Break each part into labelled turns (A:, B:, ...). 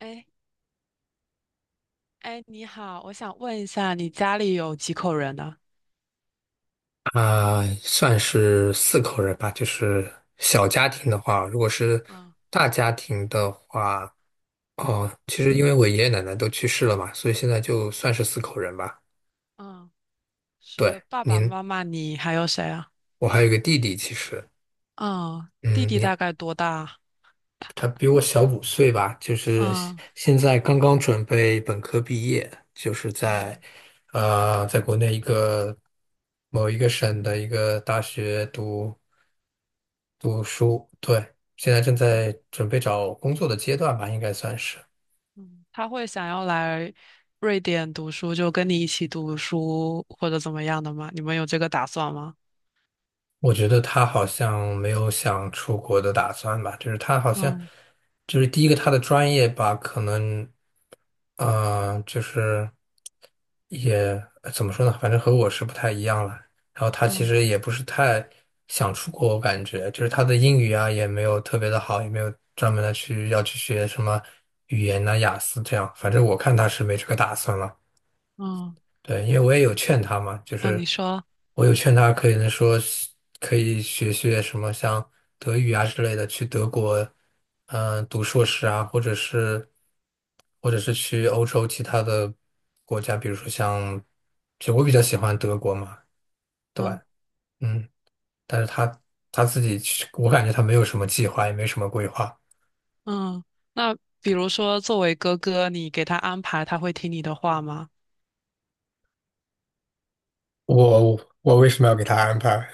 A: 哎哎，你好，我想问一下，你家里有几口人呢？
B: 算是4口人吧，就是小家庭的话，如果是
A: 嗯
B: 大家庭的话，哦，其实因为我爷爷奶奶都去世了嘛，所以现在就算是四口人吧。
A: 嗯，
B: 对，
A: 是爸爸
B: 您，
A: 妈妈，你还有谁啊？
B: 我还有个弟弟，其实，
A: 嗯，弟
B: 嗯，
A: 弟
B: 你
A: 大概多大？
B: 他比我小5岁吧，就是现
A: 嗯
B: 现在刚刚准备本科毕业，就是
A: 嗯
B: 在国内某一个省的一个大学读书，对，现在正
A: 嗯
B: 在准备找工作的阶段吧，应该算是。
A: 嗯。他会想要来瑞典读书，就跟你一起读书或者怎么样的吗？你们有这个打算吗？
B: 我觉得他好像没有想出国的打算吧，就是他好像，
A: 嗯
B: 就是第一个他的专业吧，可能，就是也怎么说呢，反正和我是不太一样了。然后他其
A: 嗯
B: 实也不是太想出国，我感觉就是他的英语啊也没有特别的好，也没有专门的去要去学什么语言呐、雅思这样。反正我看他是没这个打算了。
A: 嗯
B: 对，因为我也有劝他嘛，就
A: 嗯，
B: 是
A: 你说。
B: 我有劝他，可以说是可以学学什么像德语啊之类的，去德国，嗯、读硕士啊，或者是去欧洲其他的国家，比如说像，其实我比较喜欢德国嘛，对，
A: 嗯
B: 嗯，但是他自己去我感觉他没有什么计划，也没什么规划。
A: 嗯。那比如说作为哥哥，你给他安排，他会听你的话吗？
B: 我为什么要给他安排？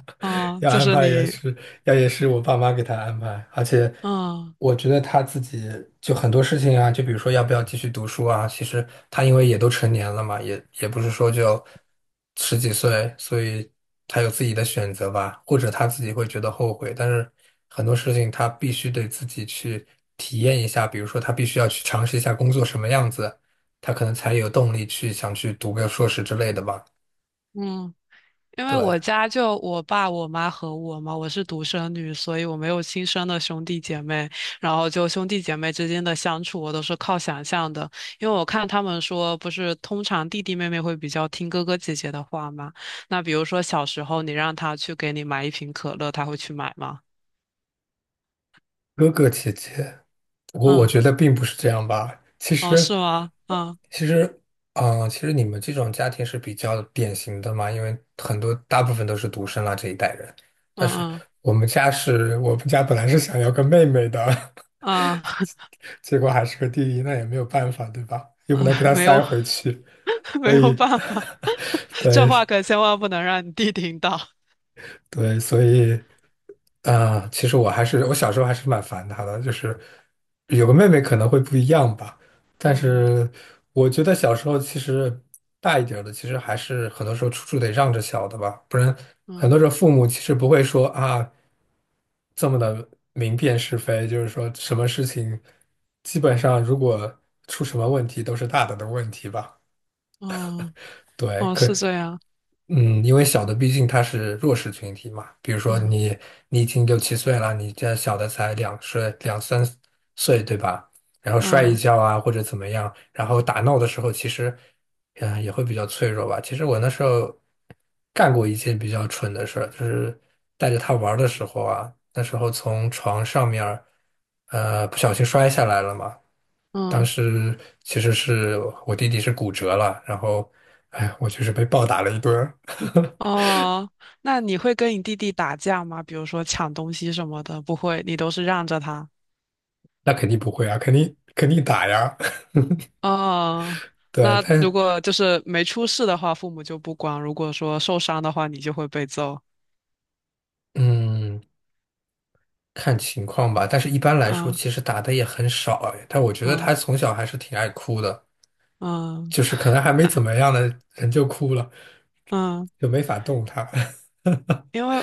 A: 嗯，
B: 要
A: 就
B: 安
A: 是
B: 排也
A: 你。
B: 是，要也是我爸妈给他安排。而且
A: 嗯。
B: 我觉得他自己就很多事情啊，就比如说要不要继续读书啊，其实他因为也都成年了嘛，也不是说就十几岁，所以他有自己的选择吧，或者他自己会觉得后悔。但是很多事情他必须得自己去体验一下，比如说他必须要去尝试一下工作什么样子，他可能才有动力去想去读个硕士之类的吧。
A: 嗯因为
B: 对。
A: 我家就我爸、我妈和我嘛，我是独生女，所以我没有亲生的兄弟姐妹。然后就兄弟姐妹之间的相处，我都是靠想象的。因为我看他们说，不是通常弟弟妹妹会比较听哥哥姐姐的话嘛。那比如说小时候，你让他去给你买一瓶可乐，他会去买吗？
B: 哥哥姐姐，我
A: 嗯。
B: 觉得并不是这样吧。其
A: 哦，
B: 实，
A: 是吗？嗯
B: 其实，嗯、其实你们这种家庭是比较典型的嘛，因为很多大部分都是独生啦这一代人。但
A: 嗯
B: 是
A: 嗯
B: 我们家本来是想要个妹妹的，
A: 啊。
B: 结果还是个弟弟，那也没有办法，对吧？又不能给
A: 嗯，
B: 他
A: 没有。
B: 塞回去，
A: 没
B: 所
A: 有
B: 以，
A: 办法。这
B: 对。
A: 话可千万不能让你弟听到。
B: 对，所以，啊，其实我小时候还是蛮烦他的，就是有个妹妹可能会不一样吧，但
A: 嗯
B: 是我觉得小时候其实大一点儿的，其实还是很多时候处处得让着小的吧，不然很多时
A: 嗯
B: 候父母其实不会说啊这么的明辨是非，就是说什么事情基本上如果出什么问题都是大的问题吧，
A: 嗯。
B: 对，
A: 哦，
B: 可。
A: 是这样。
B: 嗯，因为小的毕竟他是弱势群体嘛，比如说
A: 嗯
B: 你已经六七岁了，你这小的才两三岁，对吧？然后摔一
A: 嗯
B: 跤啊或者怎么样，然后打闹的时候其实，嗯、也会比较脆弱吧。其实我那时候干过一件比较蠢的事儿，就是带着他玩儿的时候啊，那时候从床上面儿不小心摔下来了嘛。当
A: 嗯。
B: 时其实是我弟弟是骨折了，然后，哎，我就是被暴打了一顿。
A: 哦，那你会跟你弟弟打架吗？比如说抢东西什么的，不会，你都是让着他。
B: 那肯定不会啊，肯定打呀。
A: 哦，
B: 对，
A: 那如
B: 但
A: 果就是没出事的话，父母就不管；如果说受伤的话，你就会被揍。
B: 嗯，看情况吧。但是一般来说，
A: 嗯
B: 其实打的也很少哎。但我觉得他
A: 嗯
B: 从小还是挺爱哭的，就
A: 嗯
B: 是可能还没怎么样的人就哭了，
A: 嗯。
B: 就没法动他。
A: 因为，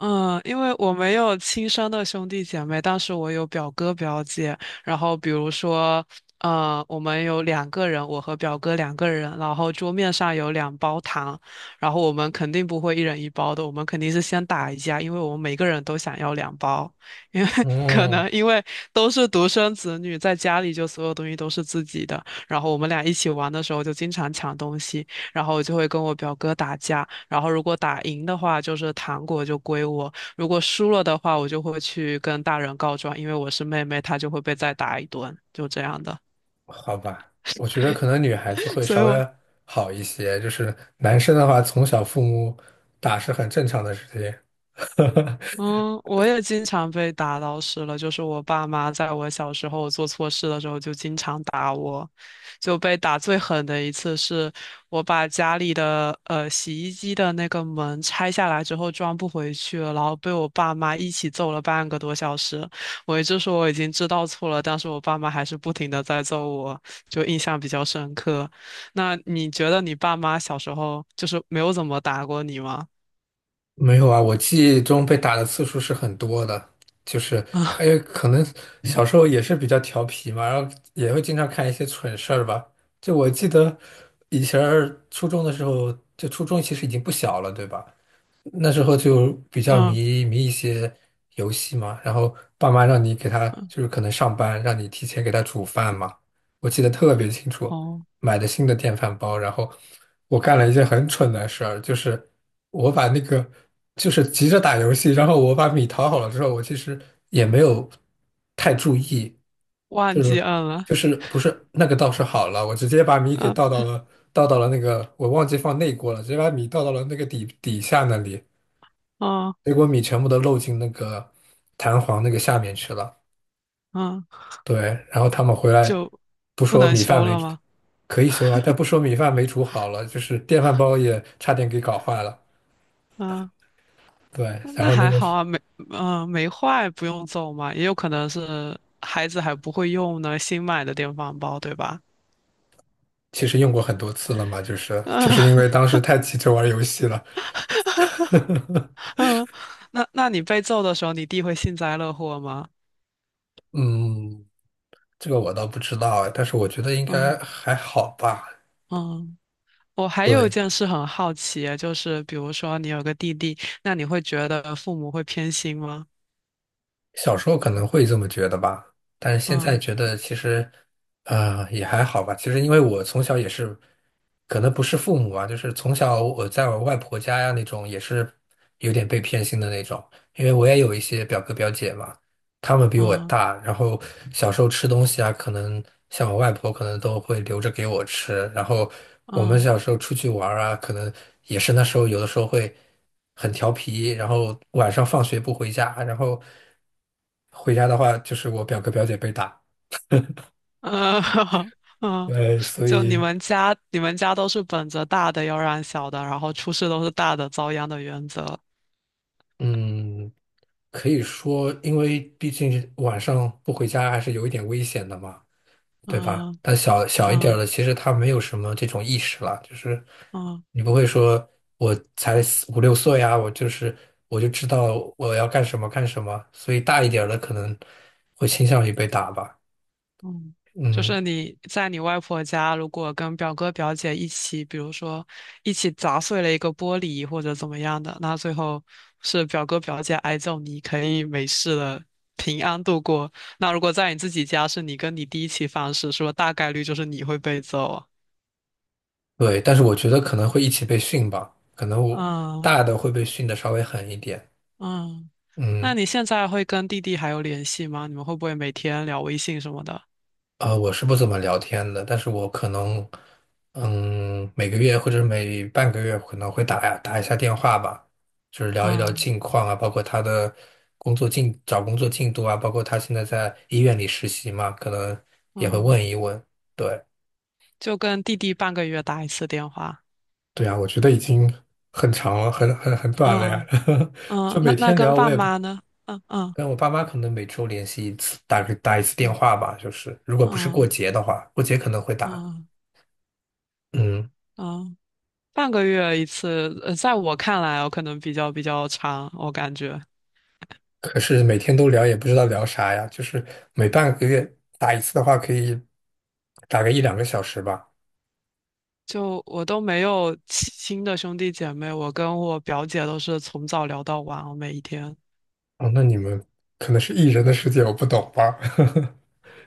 A: 因为我没有亲生的兄弟姐妹，但是我有表哥表姐。然后比如说，我们有两个人，我和表哥两个人，然后桌面上有两包糖，然后我们肯定不会一人一包的，我们肯定是先打一架，因为我们每个人都想要两包，因为 可
B: 哦，
A: 能因为都是独生子女，在家里就所有东西都是自己的，然后我们俩一起玩的时候就经常抢东西。然后我就会跟我表哥打架，然后如果打赢的话，就是糖果就归我；如果输了的话，我就会去跟大人告状，因为我是妹妹，她就会被再打一顿，就这样的。
B: 好吧，我觉得可能女孩子 会
A: 所以
B: 稍
A: 我，
B: 微好一些，就是男生的话，从小父母打是很正常的事情。
A: 嗯，我也经常被打老师了，就是我爸妈在我小时候做错事的时候就经常打我，就被打最狠的一次是我把家里的洗衣机的那个门拆下来之后装不回去了，然后被我爸妈一起揍了半个多小时。我一直说我已经知道错了，但是我爸妈还是不停的在揍我，就印象比较深刻。那你觉得你爸妈小时候就是没有怎么打过你吗？
B: 没有啊，我记忆中被打的次数是很多的，就是还 有可能小时候也是比较调皮嘛，然后也会经常干一些蠢事儿吧。就我记得以前儿初中的时候，就初中其实已经不小了，对吧？那时候就比较
A: 嗯嗯。
B: 迷一些游戏嘛，然后爸妈让你给他，就是可能上班让你提前给他煮饭嘛，我记得特别清楚，
A: 哦，
B: 买的新的电饭煲，然后我干了一件很蠢的事儿，就是我把那个就是急着打游戏，然后我把米淘好了之后，我其实也没有太注意，
A: 忘
B: 就是
A: 记摁了。
B: 就是不是那个倒是好了，我直接把米给倒
A: 嗯
B: 到了倒到了那个我忘记放内锅了，直接把米倒到了那个底下那里，
A: 嗯
B: 水果米全部都漏进那个弹簧那个下面去了。
A: 嗯，
B: 对，然后他们回来
A: 就
B: 不
A: 不
B: 说
A: 能
B: 米饭
A: 修
B: 没
A: 了吗？
B: 可以修啊，但不说米饭没煮好了，就是电饭煲也差点给搞坏了。
A: 嗯，
B: 对，然
A: 那
B: 后那
A: 还
B: 个
A: 好
B: 是
A: 啊，没坏，不用揍嘛，也有可能是孩子还不会用呢，新买的电饭煲，对吧？
B: 其实用过很多次了嘛，就是就
A: 嗯。
B: 是因为当 时太急着玩游戏了。
A: 嗯，那你被揍的时候，你弟会幸灾乐祸吗？
B: 嗯，这个我倒不知道哎但是我觉得应该
A: 嗯
B: 还好吧。
A: 嗯。我还有一
B: 对，
A: 件事很好奇啊，就是比如说你有个弟弟，那你会觉得父母会偏心吗？
B: 小时候可能会这么觉得吧，但是现在
A: 嗯
B: 觉得其实，也还好吧。其实因为我从小也是，可能不是父母啊，就是从小我在我外婆家呀那种，也是有点被偏心的那种。因为我也有一些表哥表姐嘛，他们比我
A: 嗯
B: 大，然后小时候吃东西啊，可能像我外婆可能都会留着给我吃，然后我们
A: 嗯。
B: 小时候出去玩儿啊，可能也是那时候有的时候会很调皮，然后晚上放学不回家，然后回家的话就是我表哥表姐被打，
A: 呃，嗯，
B: 对，所
A: 就你
B: 以
A: 们家，你们家都是本着大的要让小的，然后出事都是大的遭殃的原则。
B: 嗯，可以说，因为毕竟晚上不回家还是有一点危险的嘛。对吧？
A: 嗯
B: 但小小一点儿
A: 嗯
B: 的，其实他没有什么这种意识了，就是
A: 嗯
B: 你不会说我才四五六岁呀，我就知道我要干什么干什么，所以大一点儿的可能会倾向于被打吧。
A: 嗯，就
B: 嗯，
A: 是你在你外婆家，如果跟表哥表姐一起，比如说一起砸碎了一个玻璃或者怎么样的，那最后是表哥表姐挨揍，你可以没事的平安度过。那如果在你自己家，是你跟你弟一起犯事，是不是大概率就是你会被揍啊？
B: 对，但是我觉得可能会一起被训吧，可能我
A: 嗯
B: 大的会被训的稍微狠一点。
A: 嗯。那
B: 嗯，
A: 你现在会跟弟弟还有联系吗？你们会不会每天聊微信什么的？
B: 我是不怎么聊天的，但是我可能，嗯，每个月或者每半个月可能会打一下电话吧，就是聊一聊
A: 嗯
B: 近况啊，包括他的工作进，找工作进度啊，包括他现在在医院里实习嘛，可能也会
A: 嗯，
B: 问一问。对，
A: 就跟弟弟半个月打一次电话。
B: 对啊，我觉得已经很长了，很短了呀，
A: 嗯 嗯，
B: 就
A: 那
B: 每
A: 那
B: 天
A: 跟
B: 聊，我
A: 爸
B: 也不
A: 妈呢？嗯嗯
B: 跟我爸妈可能每周联系一次，打一次电
A: 嗯
B: 话吧，就是如果不是过
A: 嗯
B: 节的话，过节可能会打，
A: 嗯
B: 嗯。
A: 嗯，半个月一次。在我看来我可能比较长，我感觉。
B: 可是每天都聊也不知道聊啥呀，就是每半个月打一次的话，可以打个一两个小时吧。
A: 就我都没有亲亲的兄弟姐妹，我跟我表姐都是从早聊到晚哦，每一天。
B: 哦，那你们可能是艺人的世界，我不懂吧？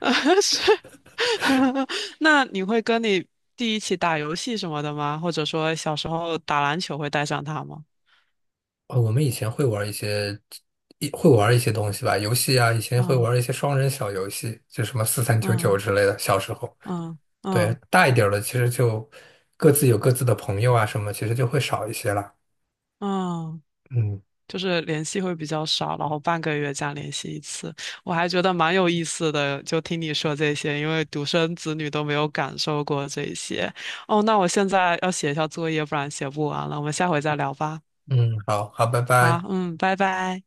A: 是。那你会跟你弟一起打游戏什么的吗？或者说小时候打篮球会带上他吗？
B: 哦，我们以前会玩一些，玩一些东西吧，游戏啊，以前会
A: 嗯
B: 玩一些双人小游戏，就什么4399
A: 嗯
B: 之类的。小时候，
A: 嗯
B: 对，
A: 嗯
B: 大一点儿了，其实就各自有各自的朋友啊，什么，其实就会少一些了。
A: 嗯，
B: 嗯
A: 就是联系会比较少，然后半个月这样联系一次，我还觉得蛮有意思的。就听你说这些，因为独生子女都没有感受过这些。哦，那我现在要写一下作业，不然写不完了。我们下回再聊吧。
B: 嗯，好好，拜
A: 好，
B: 拜。
A: 嗯，拜拜。